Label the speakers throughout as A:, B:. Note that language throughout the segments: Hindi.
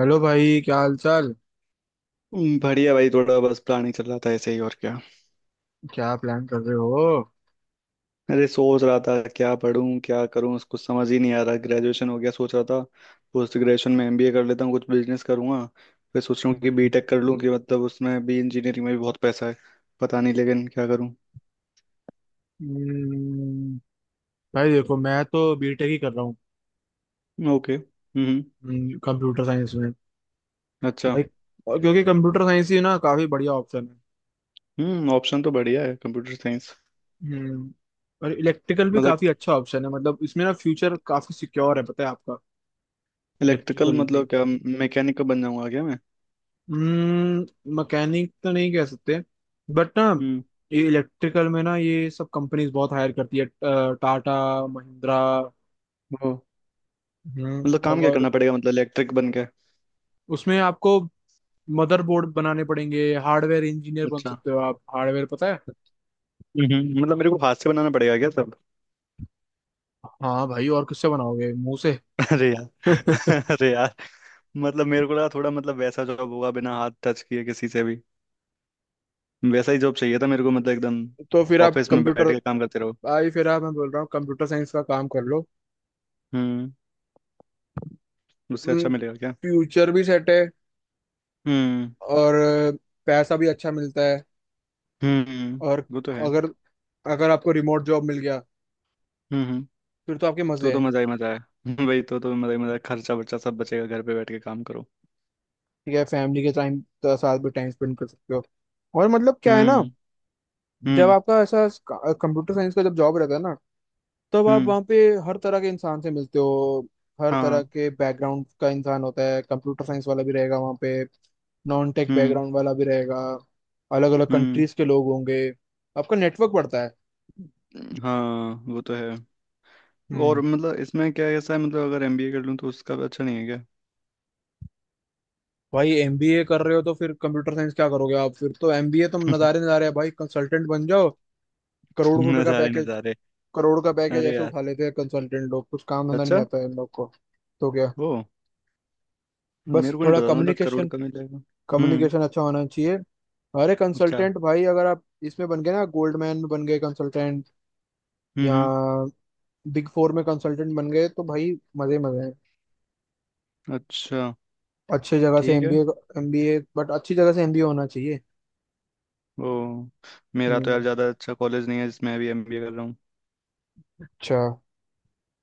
A: हेलो भाई, क्या हाल चाल।
B: बढ़िया भाई। थोड़ा बस प्लानिंग चल रहा था ऐसे ही। और क्या।
A: क्या प्लान कर रहे हो?
B: अरे सोच रहा था क्या पढूं क्या करूं, कुछ समझ ही नहीं आ रहा। ग्रेजुएशन हो गया, सोच रहा था पोस्ट ग्रेजुएशन में एमबीए कर लेता हूँ, कुछ बिजनेस करूंगा। फिर सोच रहा हूँ कि बीटेक कर लूँ, कि मतलब उसमें भी इंजीनियरिंग में भी बहुत पैसा है। पता नहीं, लेकिन क्या करूँ।
A: हम्म। भाई देखो मैं तो बीटेक ही कर रहा हूँ
B: ओके। हम्म।
A: कंप्यूटर साइंस में।
B: अच्छा।
A: भाई, और क्योंकि कंप्यूटर साइंस ही ना काफी बढ़िया ऑप्शन है।
B: हम्म, ऑप्शन तो बढ़िया है कंप्यूटर साइंस।
A: हम्म। और इलेक्ट्रिकल भी
B: मतलब
A: काफी अच्छा ऑप्शन है, मतलब इसमें ना फ्यूचर काफी सिक्योर है, पता है आपका।
B: इलेक्ट्रिकल
A: इलेक्ट्रिकल भी।
B: मतलब क्या, मैकेनिकल बन जाऊंगा क्या मैं।
A: हम्म, मैकेनिक तो नहीं कह सकते। बट ना,
B: हम्म,
A: ये इलेक्ट्रिकल में ना, ये सब कंपनीज बहुत हायर करती है टाटा, महिंद्रा।
B: वो।
A: हम्म।
B: मतलब काम क्या
A: और
B: करना पड़ेगा, मतलब इलेक्ट्रिक बन के।
A: उसमें आपको मदरबोर्ड बनाने पड़ेंगे, हार्डवेयर इंजीनियर बन
B: अच्छा।
A: सकते हो आप। हार्डवेयर पता है?
B: हम्म, मतलब मेरे को हाथ से बनाना पड़ेगा क्या सब।
A: हाँ भाई, और किससे बनाओगे, मुंह से?
B: अरे यार अरे यार। मतलब मेरे को लगा थोड़ा, मतलब वैसा जॉब होगा बिना हाथ टच किए किसी से भी। वैसा ही जॉब चाहिए था मेरे को, मतलब एकदम
A: तो फिर आप
B: ऑफिस में
A: कंप्यूटर।
B: बैठ के काम करते रहो।
A: भाई, फिर आप, मैं बोल रहा हूँ कंप्यूटर साइंस का काम कर लो।
B: हम्म। उससे अच्छा मिलेगा क्या।
A: फ्यूचर भी सेट है।
B: हम्म।
A: और पैसा भी अच्छा मिलता है।
B: हम्म,
A: और
B: वो तो है।
A: अगर अगर आपको रिमोट जॉब मिल गया,
B: हम्म, हम्म।
A: फिर तो आपके
B: तो
A: मजे
B: तो
A: हैं।
B: मजा ही मजा है। वही तो मजा ही मजा है, खर्चा वर्चा सब बचेगा, घर पे बैठ के काम करो।
A: ठीक है, फैमिली के टाइम साथ भी टाइम स्पेंड कर सकते हो। और मतलब, क्या है ना,
B: हम्म।
A: जब
B: हम्म।
A: आपका ऐसा कंप्यूटर साइंस का जब जॉब रहता है ना, तब आप
B: हम्म।
A: वहाँ पे हर तरह के इंसान से मिलते हो। हर तरह
B: हाँ।
A: के बैकग्राउंड का इंसान होता है, कंप्यूटर साइंस वाला भी रहेगा वहाँ पे, नॉन टेक
B: हम्म।
A: बैकग्राउंड वाला भी रहेगा, अलग अलग
B: हम्म।
A: कंट्रीज के लोग होंगे। आपका नेटवर्क बढ़ता है।
B: हाँ, वो तो है।
A: हम्म।
B: और मतलब इसमें क्या ऐसा है, मतलब अगर एमबीए कर लूँ तो उसका भी अच्छा नहीं है क्या।
A: भाई, एमबीए कर रहे हो तो फिर कंप्यूटर साइंस क्या करोगे आप? फिर तो एमबीए तो नज़ारे नज़ारे है भाई, कंसल्टेंट बन जाओ। करोड़ रुपए का
B: नज़ारे
A: पैकेज।
B: नज़ारे।
A: करोड़ का पैकेज
B: अरे
A: ऐसे
B: यार।
A: उठा लेते हैं कंसल्टेंट लोग, कुछ काम धंधा नहीं
B: अच्छा।
A: आता है इन लोग को। तो क्या,
B: वो,
A: बस
B: मेरे को नहीं
A: थोड़ा
B: पता था मतलब करोड़
A: कम्युनिकेशन,
B: का मिलेगा। हम्म।
A: कम्युनिकेशन अच्छा होना चाहिए। अरे
B: अच्छा।
A: कंसल्टेंट भाई, अगर आप इसमें बन गए ना, गोल्डमैन में बन गए कंसल्टेंट,
B: हम्म।
A: या
B: हम्म।
A: बिग फोर में कंसल्टेंट बन गए, तो भाई मजे मजे हैं।
B: अच्छा।
A: अच्छी जगह से
B: ठीक है।
A: एमबीए। एमबीए, बट अच्छी जगह से एमबीए होना चाहिए।
B: वो, मेरा तो यार
A: हम्म।
B: ज़्यादा अच्छा कॉलेज नहीं है जिसमें अभी एमबीए कर रहा हूँ।
A: अच्छा।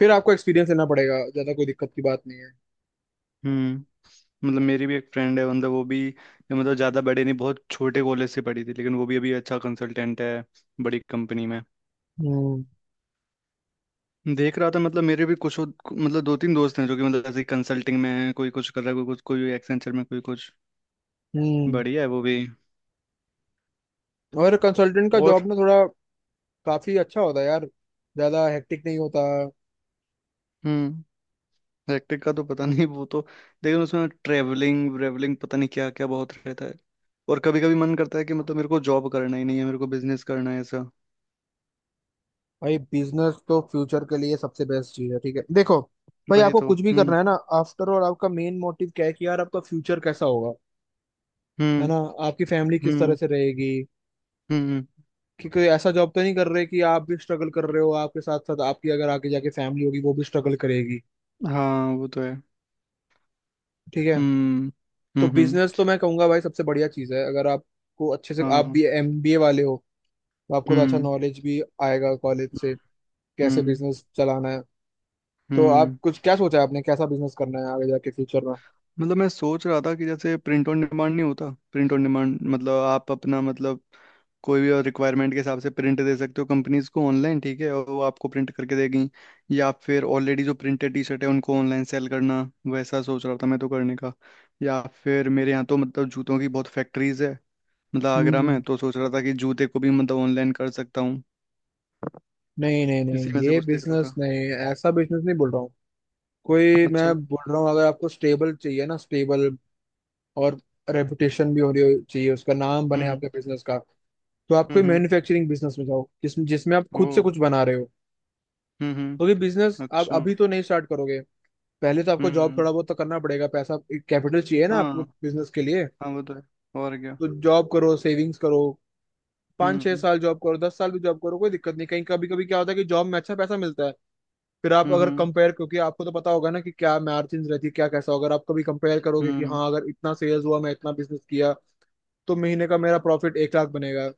A: फिर आपको एक्सपीरियंस लेना पड़ेगा, ज्यादा कोई दिक्कत की बात नहीं है।
B: हम्म। मतलब मेरी भी एक फ्रेंड है, मतलब वो भी मतलब ज़्यादा बड़े नहीं, बहुत छोटे कॉलेज से पढ़ी थी, लेकिन वो भी अभी अच्छा कंसल्टेंट है बड़ी कंपनी में।
A: हम्म।
B: देख रहा था, मतलब मेरे भी कुछ मतलब दो तीन दोस्त हैं जो कि मतलब ऐसे कंसल्टिंग में है, कोई कुछ कर रहा है, कोई कुछ, कोई एक्सेंचर में, कोई कुछ।
A: हम्म।
B: बढ़िया है वो भी।
A: और कंसल्टेंट का
B: और।
A: जॉब ना थोड़ा काफी अच्छा होता है यार, ज्यादा हेक्टिक नहीं होता।
B: हम्म। हेक्टिक का तो पता नहीं वो तो, लेकिन उसमें ट्रेवलिंग व्रेवलिंग पता नहीं क्या क्या बहुत रहता है। और कभी कभी मन करता है कि मतलब मेरे को जॉब करना ही नहीं है, मेरे को बिजनेस करना है ऐसा।
A: भाई, बिजनेस तो फ्यूचर के लिए सबसे बेस्ट चीज है। ठीक है, देखो भाई,
B: वही
A: आपको
B: तो।
A: कुछ भी
B: हम्म।
A: करना है ना, आफ्टर और आपका मेन मोटिव क्या है कि यार आपका फ्यूचर कैसा होगा, है
B: हम्म।
A: ना, आपकी फैमिली किस तरह
B: हम्म।
A: से रहेगी,
B: हम्म। हम्म।
A: कि कोई ऐसा जॉब तो नहीं कर रहे कि आप भी स्ट्रगल कर रहे हो, आपके साथ साथ आपकी अगर आगे जाके फैमिली होगी, वो भी स्ट्रगल करेगी।
B: हाँ, वो तो है।
A: ठीक है।
B: हम्म।
A: तो
B: हम्म। हम्म।
A: बिजनेस तो मैं कहूंगा भाई सबसे बढ़िया चीज है, अगर आपको अच्छे से, आप
B: हाँ।
A: भी एमबीए वाले हो, तो आपको तो अच्छा
B: हम्म।
A: नॉलेज भी आएगा कॉलेज से, कैसे
B: हम्म।
A: बिजनेस चलाना है। तो आप
B: हम्म।
A: कुछ, क्या सोचा है आपने, कैसा बिजनेस करना है आगे जाके फ्यूचर
B: मतलब मैं सोच रहा था कि जैसे प्रिंट ऑन डिमांड नहीं होता, प्रिंट ऑन डिमांड मतलब आप अपना, मतलब कोई भी रिक्वायरमेंट के हिसाब से प्रिंट दे सकते हो कंपनीज को ऑनलाइन, ठीक है, और वो आपको प्रिंट करके देगी। या फिर ऑलरेडी जो प्रिंटेड टी शर्ट है उनको ऑनलाइन सेल करना, वैसा सोच रहा था मैं तो करने का। या फिर मेरे यहाँ तो मतलब जूतों की बहुत फैक्ट्रीज है, मतलब आगरा में,
A: में?
B: तो सोच रहा था कि जूते को भी मतलब ऑनलाइन कर सकता हूँ।
A: नहीं नहीं
B: इसी
A: नहीं,
B: में से
A: ये
B: कुछ देख रहा
A: बिजनेस
B: था।
A: नहीं, ऐसा बिजनेस नहीं बोल रहा हूँ। कोई, मैं
B: अच्छा।
A: बोल रहा हूँ अगर आपको स्टेबल चाहिए ना, स्टेबल, और रेपुटेशन भी हो रही हो चाहिए, उसका नाम बने
B: हम्म।
A: आपके बिजनेस का। तो आप कोई
B: हम्म। हम्म।
A: मैन्युफैक्चरिंग बिजनेस में जाओ जिसमें जिसमें आप
B: ओ।
A: खुद से कुछ बना रहे हो।
B: हम्म।
A: क्योंकि
B: हम्म।
A: बिजनेस आप
B: अच्छा।
A: अभी तो नहीं स्टार्ट करोगे, पहले तो आपको जॉब
B: हम्म।
A: थोड़ा बहुत तो करना पड़ेगा, पैसा कैपिटल चाहिए ना
B: हाँ।
A: आपको बिजनेस के लिए।
B: हाँ, वो तो है। और क्या।
A: तो जॉब करो, सेविंग्स करो। पाँच छह
B: हम्म।
A: साल जॉब करो, 10 साल भी जॉब करो, कोई दिक्कत नहीं, कहीं कभी कभी क्या होता है कि जॉब में अच्छा पैसा मिलता है। फिर आप अगर
B: हम्म।
A: कंपेयर, क्योंकि आपको तो पता होगा ना कि क्या मार्जिन रहती है, क्या कैसा होगा। अगर आप कभी कंपेयर करोगे कि
B: हम्म।
A: हाँ, अगर इतना सेल्स हुआ, मैं इतना बिजनेस किया, तो महीने का मेरा प्रॉफिट 1 लाख बनेगा।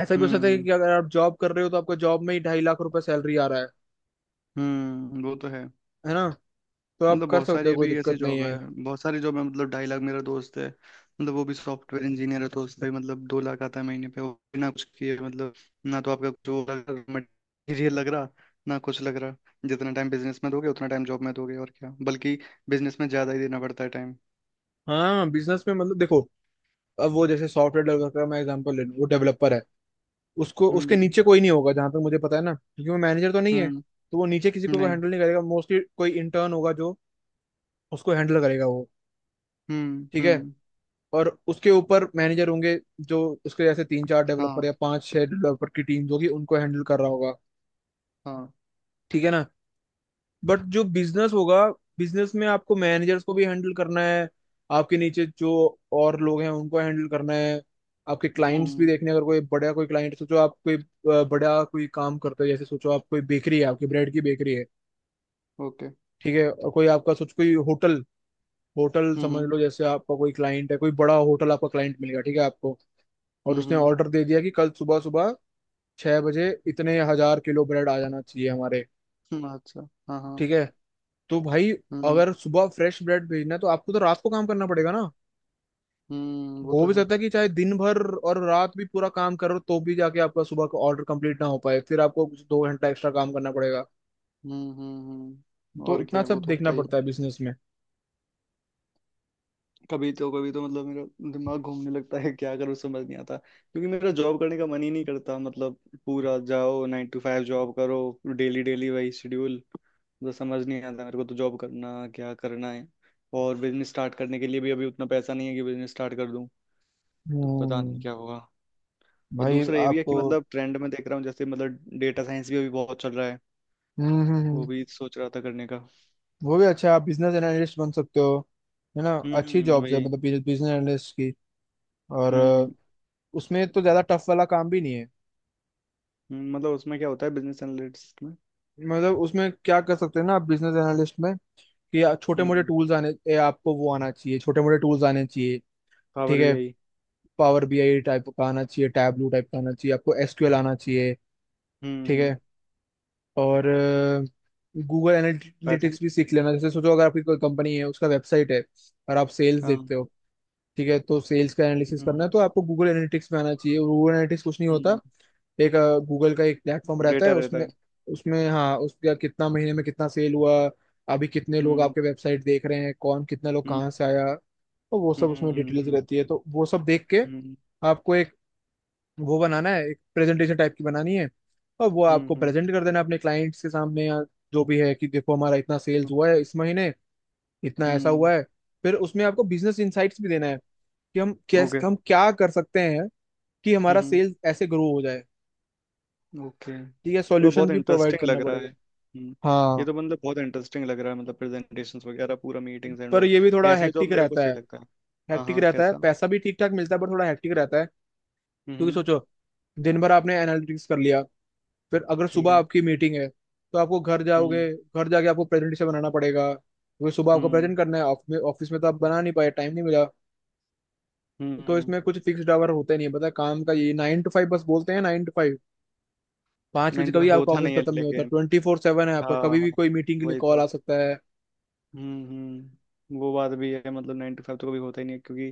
A: ऐसा भी हो सकता है
B: हम्म।
A: कि अगर आप जॉब कर रहे हो तो आपको जॉब में ही 2.5 लाख रुपए सैलरी आ रहा है
B: हम्म, वो तो है।
A: है ना। तो आप
B: मतलब
A: कर
B: बहुत
A: सकते
B: सारी
A: हो, कोई
B: अभी ऐसी
A: दिक्कत नहीं
B: जॉब
A: है।
B: है। बहुत सारी जॉब है, मतलब 2.5 लाख। मेरा दोस्त है, मतलब वो भी सॉफ्टवेयर इंजीनियर है, तो उसका भी मतलब 2 लाख आता है महीने पे, वो भी ना कुछ किए मतलब। ना तो आपका कुछ वो लग रहा, मटेरियल लग रहा, ना कुछ लग रहा। जितना टाइम बिजनेस में दोगे उतना टाइम जॉब में दोगे और क्या, बल्कि बिजनेस में ज्यादा ही देना पड़ता है टाइम।
A: हाँ, बिजनेस में मतलब देखो, अब वो जैसे सॉफ्टवेयर डेवलपर का मैं एग्जांपल ले लूँ, वो डेवलपर है। उसको, उसके
B: हम्म।
A: नीचे कोई नहीं होगा, जहां तक मुझे पता है ना, क्योंकि वो मैनेजर तो नहीं है,
B: हम्म।
A: तो वो नीचे किसी को
B: नहीं।
A: हैंडल नहीं करेगा, मोस्टली कोई इंटर्न होगा जो उसको हैंडल करेगा वो।
B: हम्म।
A: ठीक है।
B: हम्म।
A: और उसके ऊपर मैनेजर होंगे, जो उसके जैसे तीन चार डेवलपर या
B: हाँ।
A: पांच छह डेवलपर की टीम होगी, उनको हैंडल कर रहा होगा।
B: हाँ।
A: ठीक है ना। बट जो बिजनेस होगा, बिजनेस में आपको मैनेजर्स को भी हैंडल करना है, आपके नीचे जो और लोग हैं उनको हैंडल करना है। आपके क्लाइंट्स भी
B: हम्म।
A: देखने हैं, अगर कोई बड़ा कोई क्लाइंट, सोचो आप कोई बड़ा कोई काम करते हो, जैसे सोचो आप कोई बेकरी है, आपकी ब्रेड की बेकरी है,
B: ओके।
A: ठीक है, और कोई आपका सोचो कोई होटल, होटल समझ
B: हम्म।
A: लो, जैसे आपका कोई क्लाइंट है, कोई बड़ा होटल आपका क्लाइंट मिल गया, ठीक है आपको, और उसने
B: हम्म।
A: ऑर्डर दे दिया कि कल सुबह सुबह 6 बजे इतने हजार किलो ब्रेड आ जाना चाहिए हमारे।
B: अच्छा। हाँ हाँ।
A: ठीक है, तो भाई
B: हम्म।
A: अगर सुबह फ्रेश ब्रेड भेजना है तो आपको तो रात को काम करना पड़ेगा ना।
B: हम्म, वो
A: हो
B: तो
A: भी
B: है।
A: सकता है कि चाहे दिन भर और रात भी पूरा काम करो, तो भी जाके आपका सुबह का ऑर्डर कंप्लीट ना हो पाए, फिर आपको कुछ 2 घंटा एक्स्ट्रा काम करना पड़ेगा।
B: हम्म। हम्म।
A: तो
B: और क्या
A: इतना
B: है, वो
A: सब
B: तो
A: देखना
B: होता ही है।
A: पड़ता है बिजनेस में।
B: कभी तो, कभी तो मतलब मेरा दिमाग घूमने लगता है क्या करूँ, समझ नहीं आता, क्योंकि मेरा जॉब करने का मन ही नहीं करता, मतलब पूरा जाओ 9 to 5 जॉब करो, डेली डेली वही शेड्यूल। तो समझ नहीं आता मेरे को तो जॉब करना क्या करना है। और बिजनेस स्टार्ट करने के लिए भी अभी उतना पैसा नहीं है कि बिजनेस स्टार्ट कर दूं। तो पता नहीं
A: हम्म,
B: क्या होगा। और
A: भाई
B: दूसरा ये भी है
A: आपको।
B: कि मतलब ट्रेंड में देख रहा हूँ, जैसे मतलब डेटा साइंस भी अभी बहुत चल रहा है,
A: हम्म, हम्म,
B: वो
A: हम्म।
B: भी सोच रहा था करने का।
A: वो भी अच्छा, आप बिजनेस एनालिस्ट बन सकते हो, है ना, अच्छी
B: हम्म,
A: जॉब्स है
B: वही।
A: मतलब बिजनेस एनालिस्ट की। और
B: हम्म।
A: उसमें तो ज्यादा टफ वाला काम भी नहीं है।
B: मतलब उसमें क्या होता है बिजनेस एनालिटिक्स में।
A: मतलब उसमें क्या कर सकते हैं ना आप बिजनेस एनालिस्ट में, कि छोटे मोटे
B: हम्म।
A: टूल्स आने, आपको वो आना चाहिए, छोटे मोटे टूल्स आने चाहिए।
B: पावर
A: ठीक
B: बी
A: है,
B: आई
A: पावर बीआई टाइप का आना चाहिए, टैबलू टाइप का आना चाहिए, आपको एसक्यूएल आना चाहिए।
B: हम्म।
A: ठीक
B: हम्म।
A: है। और गूगल
B: पाइथन।
A: एनालिटिक्स भी सीख लेना, जैसे सोचो अगर आपकी कोई कंपनी है, उसका वेबसाइट है और आप सेल्स
B: हाँ।
A: देखते हो, ठीक है, तो सेल्स का एनालिसिस करना
B: हम्म।
A: है तो आपको गूगल एनालिटिक्स में आना चाहिए। गूगल एनालिटिक्स कुछ नहीं होता,
B: हम्म।
A: एक गूगल का एक प्लेटफॉर्म रहता है
B: डेटा रहता
A: उसमें,
B: है।
A: उसमें हाँ उसका कितना महीने में कितना सेल हुआ, अभी कितने लोग
B: हम्म।
A: आपके वेबसाइट देख रहे हैं, कौन कितना लोग
B: हम्म।
A: कहाँ से आया, तो वो सब
B: हम्म।
A: उसमें डिटेल्स
B: हम्म।
A: रहती है, तो वो सब देख के
B: हम्म।
A: आपको एक वो बनाना है, एक प्रेजेंटेशन टाइप की बनानी है, और वो आपको
B: हम्म।
A: प्रेजेंट कर देना है अपने क्लाइंट्स के सामने, या जो भी है, कि देखो हमारा इतना
B: हम्म।
A: सेल्स हुआ है
B: ओके।
A: इस महीने, इतना ऐसा
B: हम्म।
A: हुआ है। फिर उसमें आपको बिजनेस इंसाइट्स भी देना है, कि हम
B: ओके।
A: कैसे, हम क्या कर सकते हैं कि हमारा
B: हम्म।
A: सेल्स ऐसे ग्रो हो जाए।
B: ओके,
A: ठीक है,
B: मतलब
A: सॉल्यूशन
B: बहुत
A: भी प्रोवाइड
B: इंटरेस्टिंग
A: करना
B: लग रहा है।
A: पड़ेगा।
B: हम्म। ये
A: हाँ,
B: तो मतलब बहुत इंटरेस्टिंग लग रहा है, मतलब प्रेजेंटेशंस वगैरह पूरा, मीटिंग्स एंड
A: पर
B: ऑल,
A: ये भी थोड़ा
B: ऐसा जॉब
A: हेक्टिक
B: मेरे को
A: रहता
B: सही
A: है।
B: लगता है। हाँ
A: हेक्टिक
B: हाँ।
A: रहता है,
B: कैसा।
A: पैसा भी ठीक ठाक मिलता है, पर थोड़ा हेक्टिक रहता है। क्योंकि
B: हम्म।
A: सोचो, दिन भर आपने एनालिटिक्स कर लिया, फिर अगर
B: ठीक
A: सुबह
B: है।
A: आपकी मीटिंग है, तो आपको घर
B: हम्म।
A: जाओगे, घर जाके आपको प्रेजेंटेशन बनाना पड़ेगा क्योंकि सुबह आपको
B: हम्म।
A: प्रेजेंट करना है ऑफिस में, ऑफिस में तो आप बना नहीं पाए, टाइम नहीं मिला। तो
B: हम्म।
A: इसमें कुछ फिक्स्ड आवर होते नहीं है, पता है, काम का, ये 9 to 5 बस बोलते हैं, 9 to 5। 5 बजे
B: नहीं तो
A: कभी आपका
B: होता
A: ऑफिस
B: नहीं है,
A: खत्म नहीं होता,
B: लेकिन
A: 24/7 है आपका, कभी
B: हाँ,
A: भी कोई मीटिंग के लिए
B: वही
A: कॉल
B: तो।
A: आ सकता है।
B: हम्म, हम्म, वो बात भी है, मतलब 9 to 5 तो कभी होता ही नहीं है, क्योंकि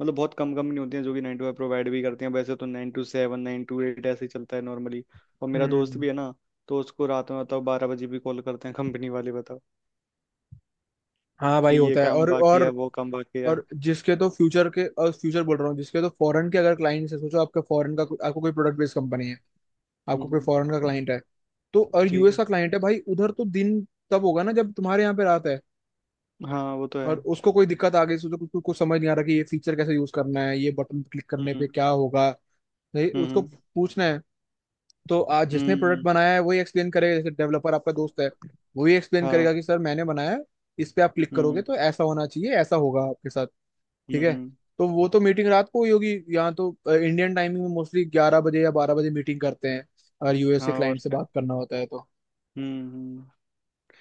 B: मतलब बहुत कम कंपनी होती है जो कि 9 to 5 प्रोवाइड भी करती हैं। वैसे तो 9 to 7, 9 to 8 ऐसे ही चलता है नॉर्मली। और मेरा दोस्त
A: हम्म।
B: भी है ना, तो उसको रात में बताओ 12 बजे भी कॉल करते हैं कंपनी वाले बताओ,
A: हाँ
B: कि
A: भाई,
B: ये
A: होता है।
B: काम
A: और
B: बाकी है,
A: और
B: वो काम बाकी है।
A: और जिसके तो फ्यूचर के, और फ्यूचर बोल रहा हूँ, जिसके तो फॉरेन के अगर क्लाइंट्स है, सोचो आपका फॉरेन का आपको कोई प्रोडक्ट बेस्ड कंपनी है, आपको कोई
B: हम्म।
A: फॉरेन का क्लाइंट है। तो और
B: ठीक
A: यूएस
B: है।
A: का क्लाइंट है भाई, उधर तो दिन तब होगा ना जब तुम्हारे यहाँ पे रात है।
B: हाँ, वो तो है।
A: और उसको कोई दिक्कत आ गई, सोचो कुछ कुछ कुछ समझ नहीं आ रहा कि ये फीचर कैसे यूज करना है, ये बटन क्लिक करने
B: हम्म।
A: पे क्या होगा, नहीं उसको
B: हम्म।
A: पूछना है। तो आज
B: हम्म।
A: जिसने प्रोडक्ट बनाया है वही एक्सप्लेन करेगा, जैसे डेवलपर आपका दोस्त है, वही एक्सप्लेन करेगा
B: हाँ।
A: कि सर, मैंने बनाया है, इस पे आप क्लिक करोगे
B: हम्म।
A: तो ऐसा होना चाहिए, ऐसा होगा आपके साथ।
B: हम्म।
A: ठीक है, तो वो तो मीटिंग रात को हुई होगी, यहाँ तो इंडियन टाइमिंग में मोस्टली 11 बजे या 12 बजे मीटिंग करते हैं, अगर यूएस के
B: हाँ और
A: क्लाइंट से
B: क्या।
A: बात करना होता है तो।
B: हम्म। हम्म।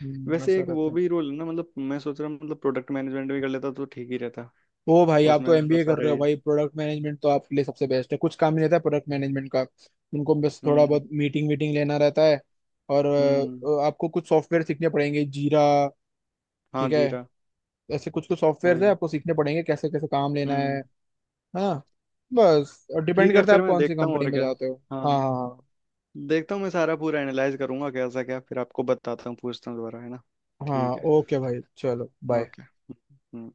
B: वैसे
A: वैसा
B: एक वो
A: रहता है।
B: भी रोल है ना, मतलब मैं सोच रहा हूँ मतलब प्रोडक्ट मैनेजमेंट भी कर लेता तो ठीक ही रहता।
A: ओ भाई, आप
B: उसमें
A: तो
B: भी मतलब
A: एमबीए कर रहे
B: सारे।
A: हो भाई, प्रोडक्ट मैनेजमेंट तो आपके लिए सबसे बेस्ट है, कुछ काम नहीं रहता है प्रोडक्ट मैनेजमेंट का, उनको बस थोड़ा
B: हम्म।
A: बहुत मीटिंग वीटिंग लेना रहता है। और
B: हम्म।
A: आपको कुछ सॉफ्टवेयर सीखने पड़ेंगे, जीरा,
B: हाँ,
A: ठीक है,
B: जीरा।
A: ऐसे कुछ कुछ सॉफ्टवेयर है
B: वही।
A: आपको सीखने पड़ेंगे, कैसे कैसे काम लेना है।
B: हम्म।
A: हाँ, बस
B: ठीक
A: डिपेंड
B: है,
A: करता है
B: फिर
A: आप
B: मैं
A: कौन सी
B: देखता हूँ
A: कंपनी
B: और
A: में
B: क्या।
A: जाते हो। हाँ,
B: हाँ।
A: हाँ, हाँ।
B: देखता हूँ मैं, सारा पूरा एनालाइज करूंगा कैसा क्या, फिर आपको बताता हूँ, पूछता हूँ दोबारा, है ना।
A: हाँ,
B: ठीक है।
A: ओके भाई, चलो बाय।
B: ओके।